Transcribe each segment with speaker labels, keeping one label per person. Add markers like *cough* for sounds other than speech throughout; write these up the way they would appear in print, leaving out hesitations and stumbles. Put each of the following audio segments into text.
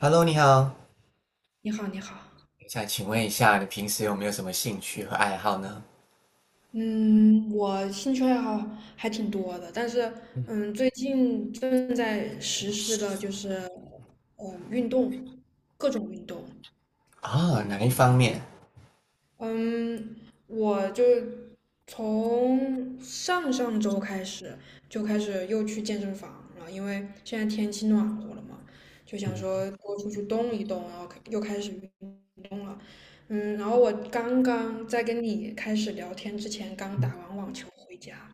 Speaker 1: Hello，你好，
Speaker 2: 你好，你好。
Speaker 1: 想请问一下，你平时有没有什么兴趣和爱好呢？
Speaker 2: 嗯，我兴趣爱好还挺多的，但是最近正在实施的就是运动，各种运动。
Speaker 1: 啊、
Speaker 2: 你
Speaker 1: 哪
Speaker 2: 呢？
Speaker 1: 一方面？
Speaker 2: 嗯，我就从上上周开始就开始又去健身房了，因为现在天气暖和了嘛，就想
Speaker 1: 嗯
Speaker 2: 说多出去动一动，然后又开始运动了。然后我刚刚在跟你开始聊天之前，刚
Speaker 1: 嗯，
Speaker 2: 打完网球回家。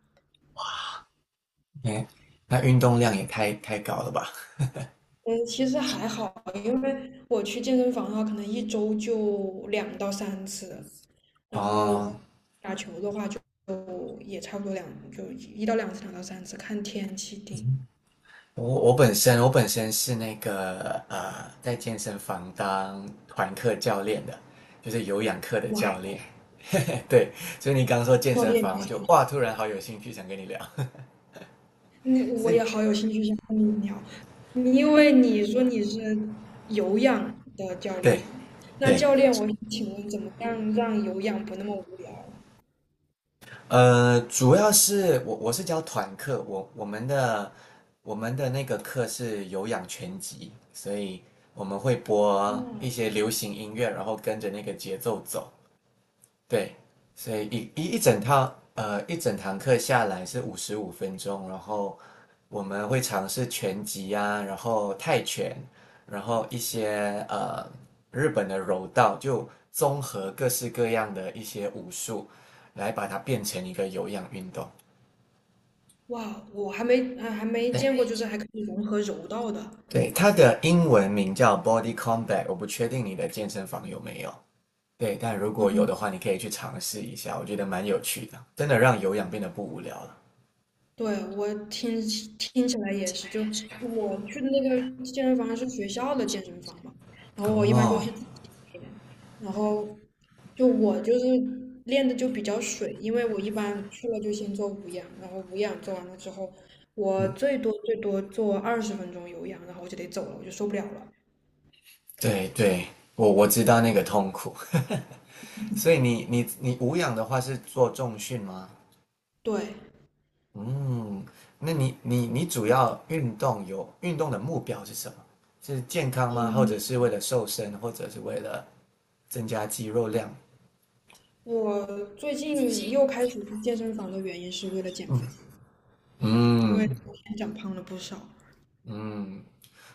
Speaker 1: 哎，那运动量也太高了吧？
Speaker 2: 嗯，其实还好，因为我去健身房的话，可能一周就两到三次，然后。
Speaker 1: 哦，
Speaker 2: 打球的话。也差不多就1到2次，两到三次，看天气定。
Speaker 1: 我本身是那个在健身房当团课教练的，就是有氧课的
Speaker 2: 哇，
Speaker 1: 教练。*laughs* 嘿嘿，对，所以你刚说健
Speaker 2: 教
Speaker 1: 身
Speaker 2: 练，
Speaker 1: 房，我就哇，突然好有兴趣，想跟你聊。*laughs*
Speaker 2: 我
Speaker 1: 是，
Speaker 2: 也好有兴趣想跟你聊，因为你说你是有氧的教
Speaker 1: 对
Speaker 2: 练，那
Speaker 1: 对，
Speaker 2: 教练，我请问怎么样让有氧不那么无聊？
Speaker 1: 主要是我是教团课，我们的那个课是有氧拳击，所以我们会播
Speaker 2: 嗯，
Speaker 1: 一些流行音乐，然后跟着那个节奏走。对，所以一整堂课下来是55分钟，然后我们会尝试拳击啊，然后泰拳，然后一些日本的柔道，就综合各式各样的一些武术，来把它变成一个有氧运动。
Speaker 2: 哇，我还没
Speaker 1: 对，
Speaker 2: 见过，就是还可以融合柔道的。
Speaker 1: 对，它的英文名叫 Body Combat，我不确定你的健身房有没有。对，但如果有的话，你可以去尝试一下，我觉得蛮有趣的，真的让有氧变得不无聊了。
Speaker 2: 对，我听起来也是，就我去的那个健身房是学校的健身房嘛，然
Speaker 1: 哦，
Speaker 2: 后我一般就
Speaker 1: 冒，
Speaker 2: 去自己练，然后我就是练的就比较水，因为我一般去了就先做无氧，然后无氧做完了之后，我
Speaker 1: 嗯，
Speaker 2: 最多最多做20分钟有氧，然后我就得走了，我就受不了了。
Speaker 1: 对对，我知道那个痛苦。*laughs* 所以你无氧的话是做重训吗？
Speaker 2: 对，
Speaker 1: 嗯，那你主要运动有运动的目标是什么？是健康吗？或
Speaker 2: 嗯，
Speaker 1: 者是为了瘦身，或者是为了增加肌肉量？
Speaker 2: 我最近又开始去健身房的原因是为了减肥，因为之
Speaker 1: 嗯
Speaker 2: 前长胖了不少。
Speaker 1: 嗯，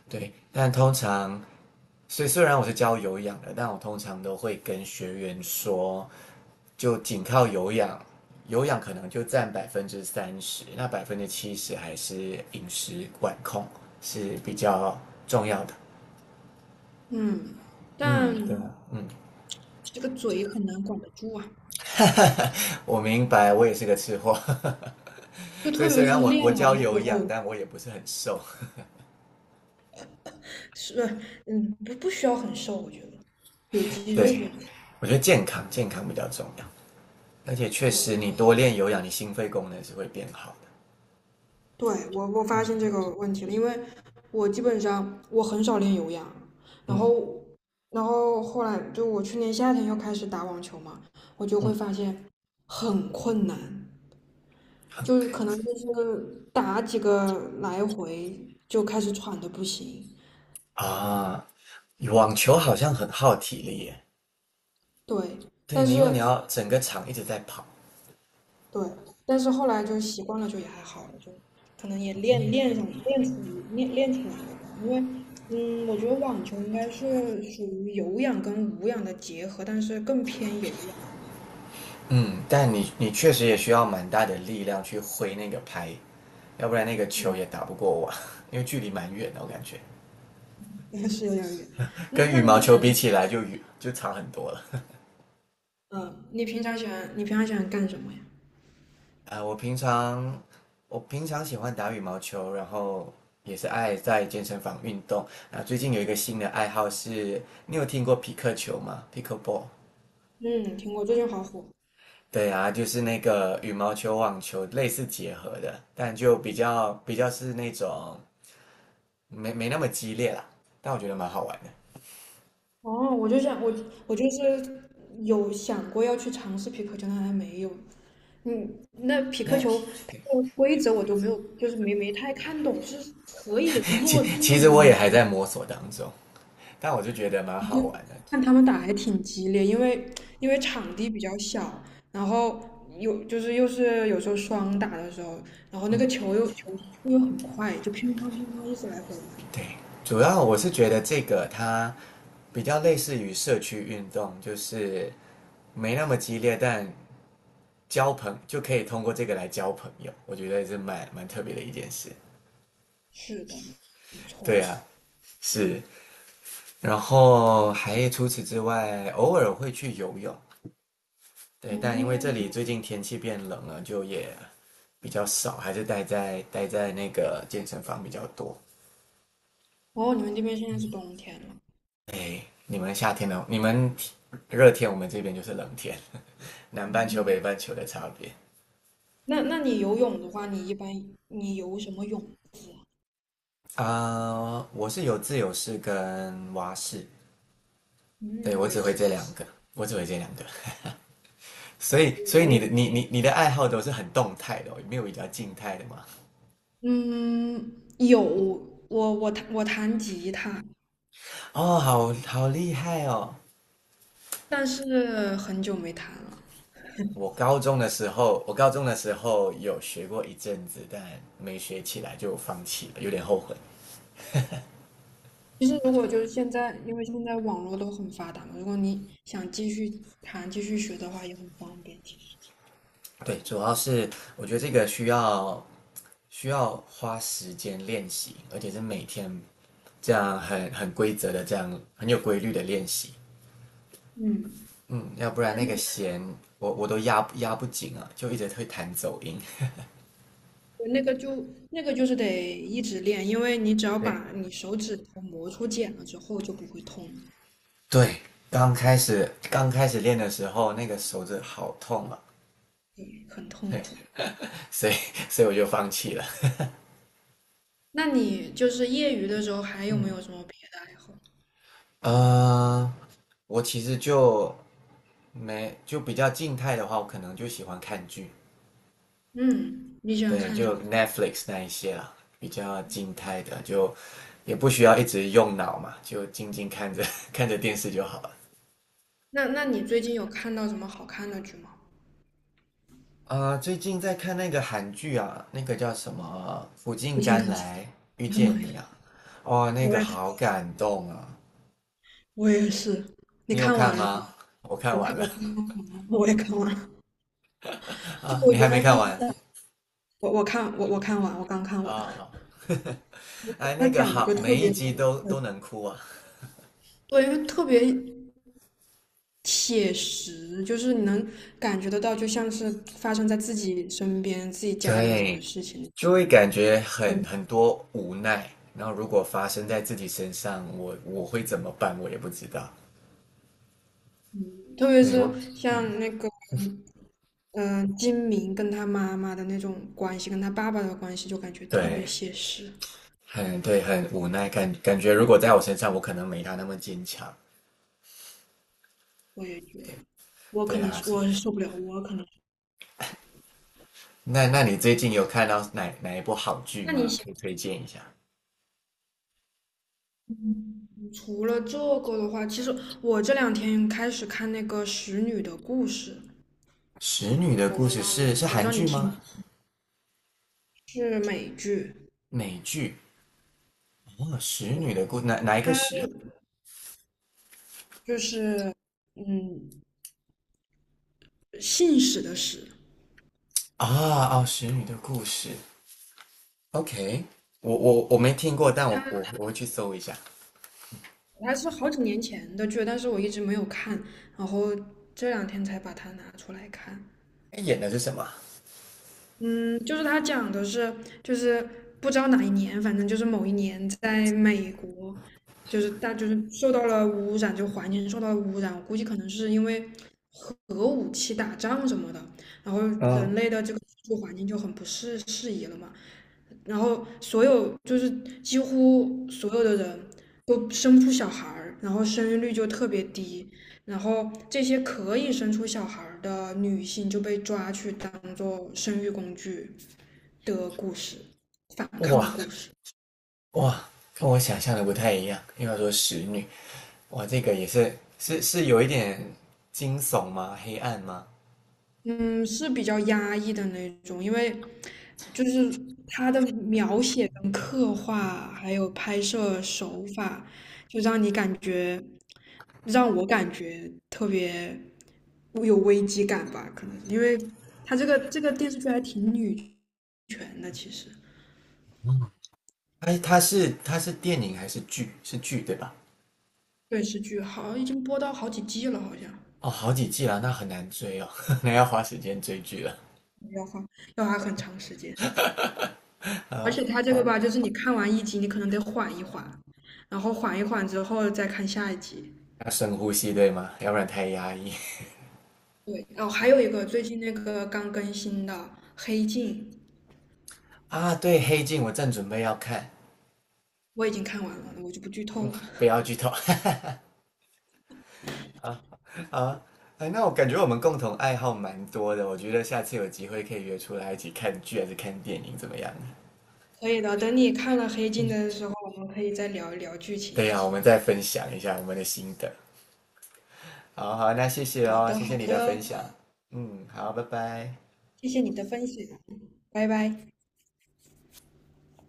Speaker 1: 对，但通常，虽然我是教有氧的，但我通常都会跟学员说，就仅靠有氧，有氧可能就占30%，那70%还是饮食管控是比较重要的。
Speaker 2: 嗯，
Speaker 1: 对啊，
Speaker 2: 但这个嘴很难管得住啊，
Speaker 1: 我明白，我也是个吃货，
Speaker 2: 就
Speaker 1: *laughs* 所以
Speaker 2: 特别
Speaker 1: 虽
Speaker 2: 是
Speaker 1: 然我
Speaker 2: 练
Speaker 1: 我
Speaker 2: 完
Speaker 1: 教
Speaker 2: 了之
Speaker 1: 有氧，
Speaker 2: 后，
Speaker 1: 但我也不是很瘦。
Speaker 2: 是，不需要很瘦，我觉得有肌肉
Speaker 1: 对，
Speaker 2: 就行。
Speaker 1: 我觉得健康比较重要，而且确实
Speaker 2: 对，
Speaker 1: 你多练有氧，你心肺功能是会变好的。
Speaker 2: 对，我发现
Speaker 1: 嗯，
Speaker 2: 这个问题了，因为我基本上我很少练有氧，然
Speaker 1: 嗯
Speaker 2: 后后来就我去年夏天又开始打网球嘛，我就会
Speaker 1: 嗯。
Speaker 2: 发现很困难，就是可能就是打几个来回就开始喘的不行，
Speaker 1: 啊，网球好像很耗体力耶。
Speaker 2: 对，
Speaker 1: 对，
Speaker 2: 但
Speaker 1: 因为你
Speaker 2: 是
Speaker 1: 要整个场一直在跑，
Speaker 2: 对，但是后来就习惯了，就也还好了，就可能也练练上练出练练出来了吧。因为，我觉得网球应该是属于有氧跟无氧的结合，但是更偏有氧。
Speaker 1: 嗯，但你确实也需要蛮大的力量去挥那个拍，要不然那个球也打不过我，*laughs* 因为距离蛮远的，我感觉
Speaker 2: 嗯，*laughs* 是有点儿远。那
Speaker 1: 跟羽
Speaker 2: 那
Speaker 1: 毛
Speaker 2: 你
Speaker 1: 球
Speaker 2: 平
Speaker 1: 比
Speaker 2: 常，
Speaker 1: 起来就长很多了。
Speaker 2: 嗯，你平常喜欢干什么呀？
Speaker 1: *laughs* 啊，我平常喜欢打羽毛球，然后也是爱在健身房运动。啊，最近有一个新的爱好是，你有听过匹克球吗？Pickleball。
Speaker 2: 嗯，听过，最近好火。
Speaker 1: 对啊，就是那个羽毛球、网球类似结合的，但就比较是那种没那么激烈啦，但我觉得蛮好玩的。
Speaker 2: 哦，我就是有想过要去尝试皮克球，但还没有。那匹
Speaker 1: 那
Speaker 2: 克
Speaker 1: *laughs*
Speaker 2: 球它的规则我都没有，就是没太看懂，是可以
Speaker 1: 其
Speaker 2: 落
Speaker 1: 其
Speaker 2: 地
Speaker 1: 实
Speaker 2: 吗？
Speaker 1: 我也
Speaker 2: 还是
Speaker 1: 还
Speaker 2: 怎么
Speaker 1: 在摸索当中，但我就觉得蛮
Speaker 2: 我就
Speaker 1: 好玩的。
Speaker 2: 看他们打还挺激烈，因为场地比较小，然后有就是又是有时候双打的时候，然后那个球又球速又很快，就乒乓乒乓一直来回
Speaker 1: 对，主要我是觉得这个它比较类似于社区运动，就是没那么激烈，但交朋就可以通过这个来交朋友，我觉得是蛮特别的一件事。
Speaker 2: 是的，没
Speaker 1: 对
Speaker 2: 错。
Speaker 1: 啊，是。然后还除此之外，偶尔会去游泳，对，但因为这
Speaker 2: 哦
Speaker 1: 里最近天气变冷了，就也比较少，还是待在那个健身房比较多。
Speaker 2: 哦，你们这边现在是冬天了。
Speaker 1: 哎，你们夏天呢？你们热天，我们这边就是冷天，*laughs* 南半球北
Speaker 2: 嗯，
Speaker 1: 半球的差别。
Speaker 2: 那你游泳的话，你一般你游什么泳？
Speaker 1: 啊、我是有自由式跟蛙式，对，
Speaker 2: 嗯，
Speaker 1: 我
Speaker 2: 我
Speaker 1: 只
Speaker 2: 也
Speaker 1: 会
Speaker 2: 是。
Speaker 1: 这两个，我只会这两个。所以
Speaker 2: 我
Speaker 1: 你
Speaker 2: 也。
Speaker 1: 的你的爱好都是很动态的、哦，没有比较静态的吗？
Speaker 2: 嗯，有，我弹吉他，
Speaker 1: 哦，好厉害哦！
Speaker 2: 但是很久没弹了。
Speaker 1: 我高中的时候有学过一阵子，但没学起来就放弃了，有点后悔。
Speaker 2: 其实如果就是现在，因为现在网络都很发达嘛，如果你想继续弹、继续学的话，也很方便。其实，
Speaker 1: 对，主要是我觉得这个需要花时间练习，而且是每天这样很有规律的练习。
Speaker 2: 嗯，
Speaker 1: 嗯，要不然那个弦我都压不紧啊，就一直会弹走音。
Speaker 2: 对那个就是得一直练，因为你只要
Speaker 1: 对
Speaker 2: 把你手指头磨出茧了之后，就不会痛了，
Speaker 1: 对，刚开始练的时候，那个手指好痛啊，
Speaker 2: 对，很痛
Speaker 1: 对，
Speaker 2: 苦。
Speaker 1: 所以所以我就放弃了。
Speaker 2: 那你就是业余的时候还有没
Speaker 1: 嗯，
Speaker 2: 有什么别的爱好？
Speaker 1: 呃，我其实就没就比较静态的话，我可能就喜欢看剧，
Speaker 2: 嗯，你喜欢
Speaker 1: 对，
Speaker 2: 看什
Speaker 1: 就
Speaker 2: 么？
Speaker 1: Netflix 那一些啦，比较静态的，就也不需要一直用脑嘛，就静静看着 *laughs* 看着电视就好了。
Speaker 2: 那你最近有看到什么好看的剧吗？
Speaker 1: 啊，最近在看那个韩剧啊，那个叫什么《苦尽
Speaker 2: 我进
Speaker 1: 甘
Speaker 2: 腾来了，
Speaker 1: 来遇
Speaker 2: 我的妈
Speaker 1: 见
Speaker 2: 呀！
Speaker 1: 你》啊，哦，那
Speaker 2: 我
Speaker 1: 个
Speaker 2: 也
Speaker 1: 好感动啊！
Speaker 2: 我也是，你
Speaker 1: 你有
Speaker 2: 看
Speaker 1: 看
Speaker 2: 完了吗？
Speaker 1: 吗？我看
Speaker 2: 我
Speaker 1: 完
Speaker 2: 看
Speaker 1: 了。
Speaker 2: 我看完了，我也看完了。
Speaker 1: *laughs*
Speaker 2: 就
Speaker 1: 啊，
Speaker 2: 我
Speaker 1: 你
Speaker 2: 觉得
Speaker 1: 还没
Speaker 2: 他
Speaker 1: 看
Speaker 2: 就是
Speaker 1: 完？
Speaker 2: 我看完，我刚看
Speaker 1: 啊
Speaker 2: 完。
Speaker 1: 啊，
Speaker 2: 我
Speaker 1: *laughs*
Speaker 2: 觉
Speaker 1: 哎，
Speaker 2: 他
Speaker 1: 那个
Speaker 2: 讲的
Speaker 1: 好，
Speaker 2: 就特
Speaker 1: 每一
Speaker 2: 别，
Speaker 1: 集都
Speaker 2: 嗯
Speaker 1: 能哭啊，
Speaker 2: 对，因为特别写实，就是你能感觉得到，就像是发生在自己身边、自己家里面的
Speaker 1: 对，
Speaker 2: 事情。
Speaker 1: 就会感觉很
Speaker 2: 嗯，
Speaker 1: 很多无奈。然后如果发生在自己身上，我会怎么办？我也不知道。
Speaker 2: 特别
Speaker 1: 对
Speaker 2: 是
Speaker 1: 我，嗯，
Speaker 2: 像那个金明跟他妈妈的那种关系，跟他爸爸的关系，就感觉特别
Speaker 1: 对，
Speaker 2: 写实。
Speaker 1: 很对，很无奈，感觉如果在我身上，我可能没他那么坚强。
Speaker 2: 我也觉得。我可
Speaker 1: 对
Speaker 2: 能
Speaker 1: 啊，
Speaker 2: 是
Speaker 1: 是。
Speaker 2: 我受不了，我可能
Speaker 1: 那你最近有看到哪一部好剧
Speaker 2: 那你
Speaker 1: 吗？
Speaker 2: 喜
Speaker 1: 可以推荐一下。
Speaker 2: 嗯除了这个的话，其实我这两天开始看那个《使女的故事》，
Speaker 1: 使女的故事是是
Speaker 2: 我不
Speaker 1: 韩
Speaker 2: 知道你
Speaker 1: 剧
Speaker 2: 听
Speaker 1: 吗？
Speaker 2: 过是美剧，
Speaker 1: 美剧？哦，使女
Speaker 2: 对，
Speaker 1: 的故哪一个
Speaker 2: 它
Speaker 1: 使啊？
Speaker 2: 就是嗯，信使的使，
Speaker 1: 啊哦，使女的故事。OK，我
Speaker 2: 对，
Speaker 1: 我我没听过，但我
Speaker 2: 它
Speaker 1: 我我会去搜一下。
Speaker 2: 它是好几年前的剧，但是我一直没有看，然后这两天才把它拿出来看。
Speaker 1: 哎，演的是什么啊？
Speaker 2: 嗯，就是他讲的是，就是不知道哪一年，反正就是某一年，在美国，就是大就是受到了污染，就环境受到了污染，我估计可能是因为核武器打仗什么的，然后人
Speaker 1: 嗯，
Speaker 2: 类的这个居住环境就很不适宜了嘛。然后就是几乎所有的人都生不出小孩儿，然后生育率就特别低，然后这些可以生出小孩儿的女性就被抓去当做生育工具的故事，反抗的
Speaker 1: 哇
Speaker 2: 故事。
Speaker 1: 哇，跟我想象的不太一样。因为要说使女，哇，这个也是有一点惊悚吗？黑暗吗？
Speaker 2: 嗯，是比较压抑的那种，因为就是他的描写跟刻画，还有拍摄手法，就让你感觉，让我感觉特别有危机感吧，可能是因为他这个电视剧还挺女权的，其实
Speaker 1: 哎，它是电影还是剧？是剧对吧？
Speaker 2: 电视剧好已经播到好几季了，好像
Speaker 1: 哦，好几季了，那很难追哦，*laughs* 那要花时间追剧了。
Speaker 2: 要花要花很长时间，而
Speaker 1: 啊、
Speaker 2: 且他这个
Speaker 1: 好，
Speaker 2: 吧，就是你看完一集，你可能得缓一缓。然后缓一缓之后再看下一集。
Speaker 1: 要深呼吸对吗？要不然太压抑
Speaker 2: 对，哦，还有一个最近那个刚更新的《黑镜》，
Speaker 1: 啊。对，《黑镜》我正准备要看，
Speaker 2: 我已经看完了，我就不剧透了。
Speaker 1: 不要剧透。啊，哎，那我感觉我们共同爱好蛮多的，我觉得下次有机会可以约出来一起看剧还是看电影，怎么样？
Speaker 2: 可以的，等你看了《黑镜》的时候，我们可以再聊一聊剧
Speaker 1: 对
Speaker 2: 情什
Speaker 1: 呀、我
Speaker 2: 么
Speaker 1: 们
Speaker 2: 的。
Speaker 1: 再分享一下我们的心得。好好，那谢谢
Speaker 2: 好
Speaker 1: 哦，
Speaker 2: 的，
Speaker 1: 谢
Speaker 2: 好
Speaker 1: 谢你的分
Speaker 2: 的，
Speaker 1: 享。嗯，好，拜拜。
Speaker 2: 谢谢你的分享，拜拜。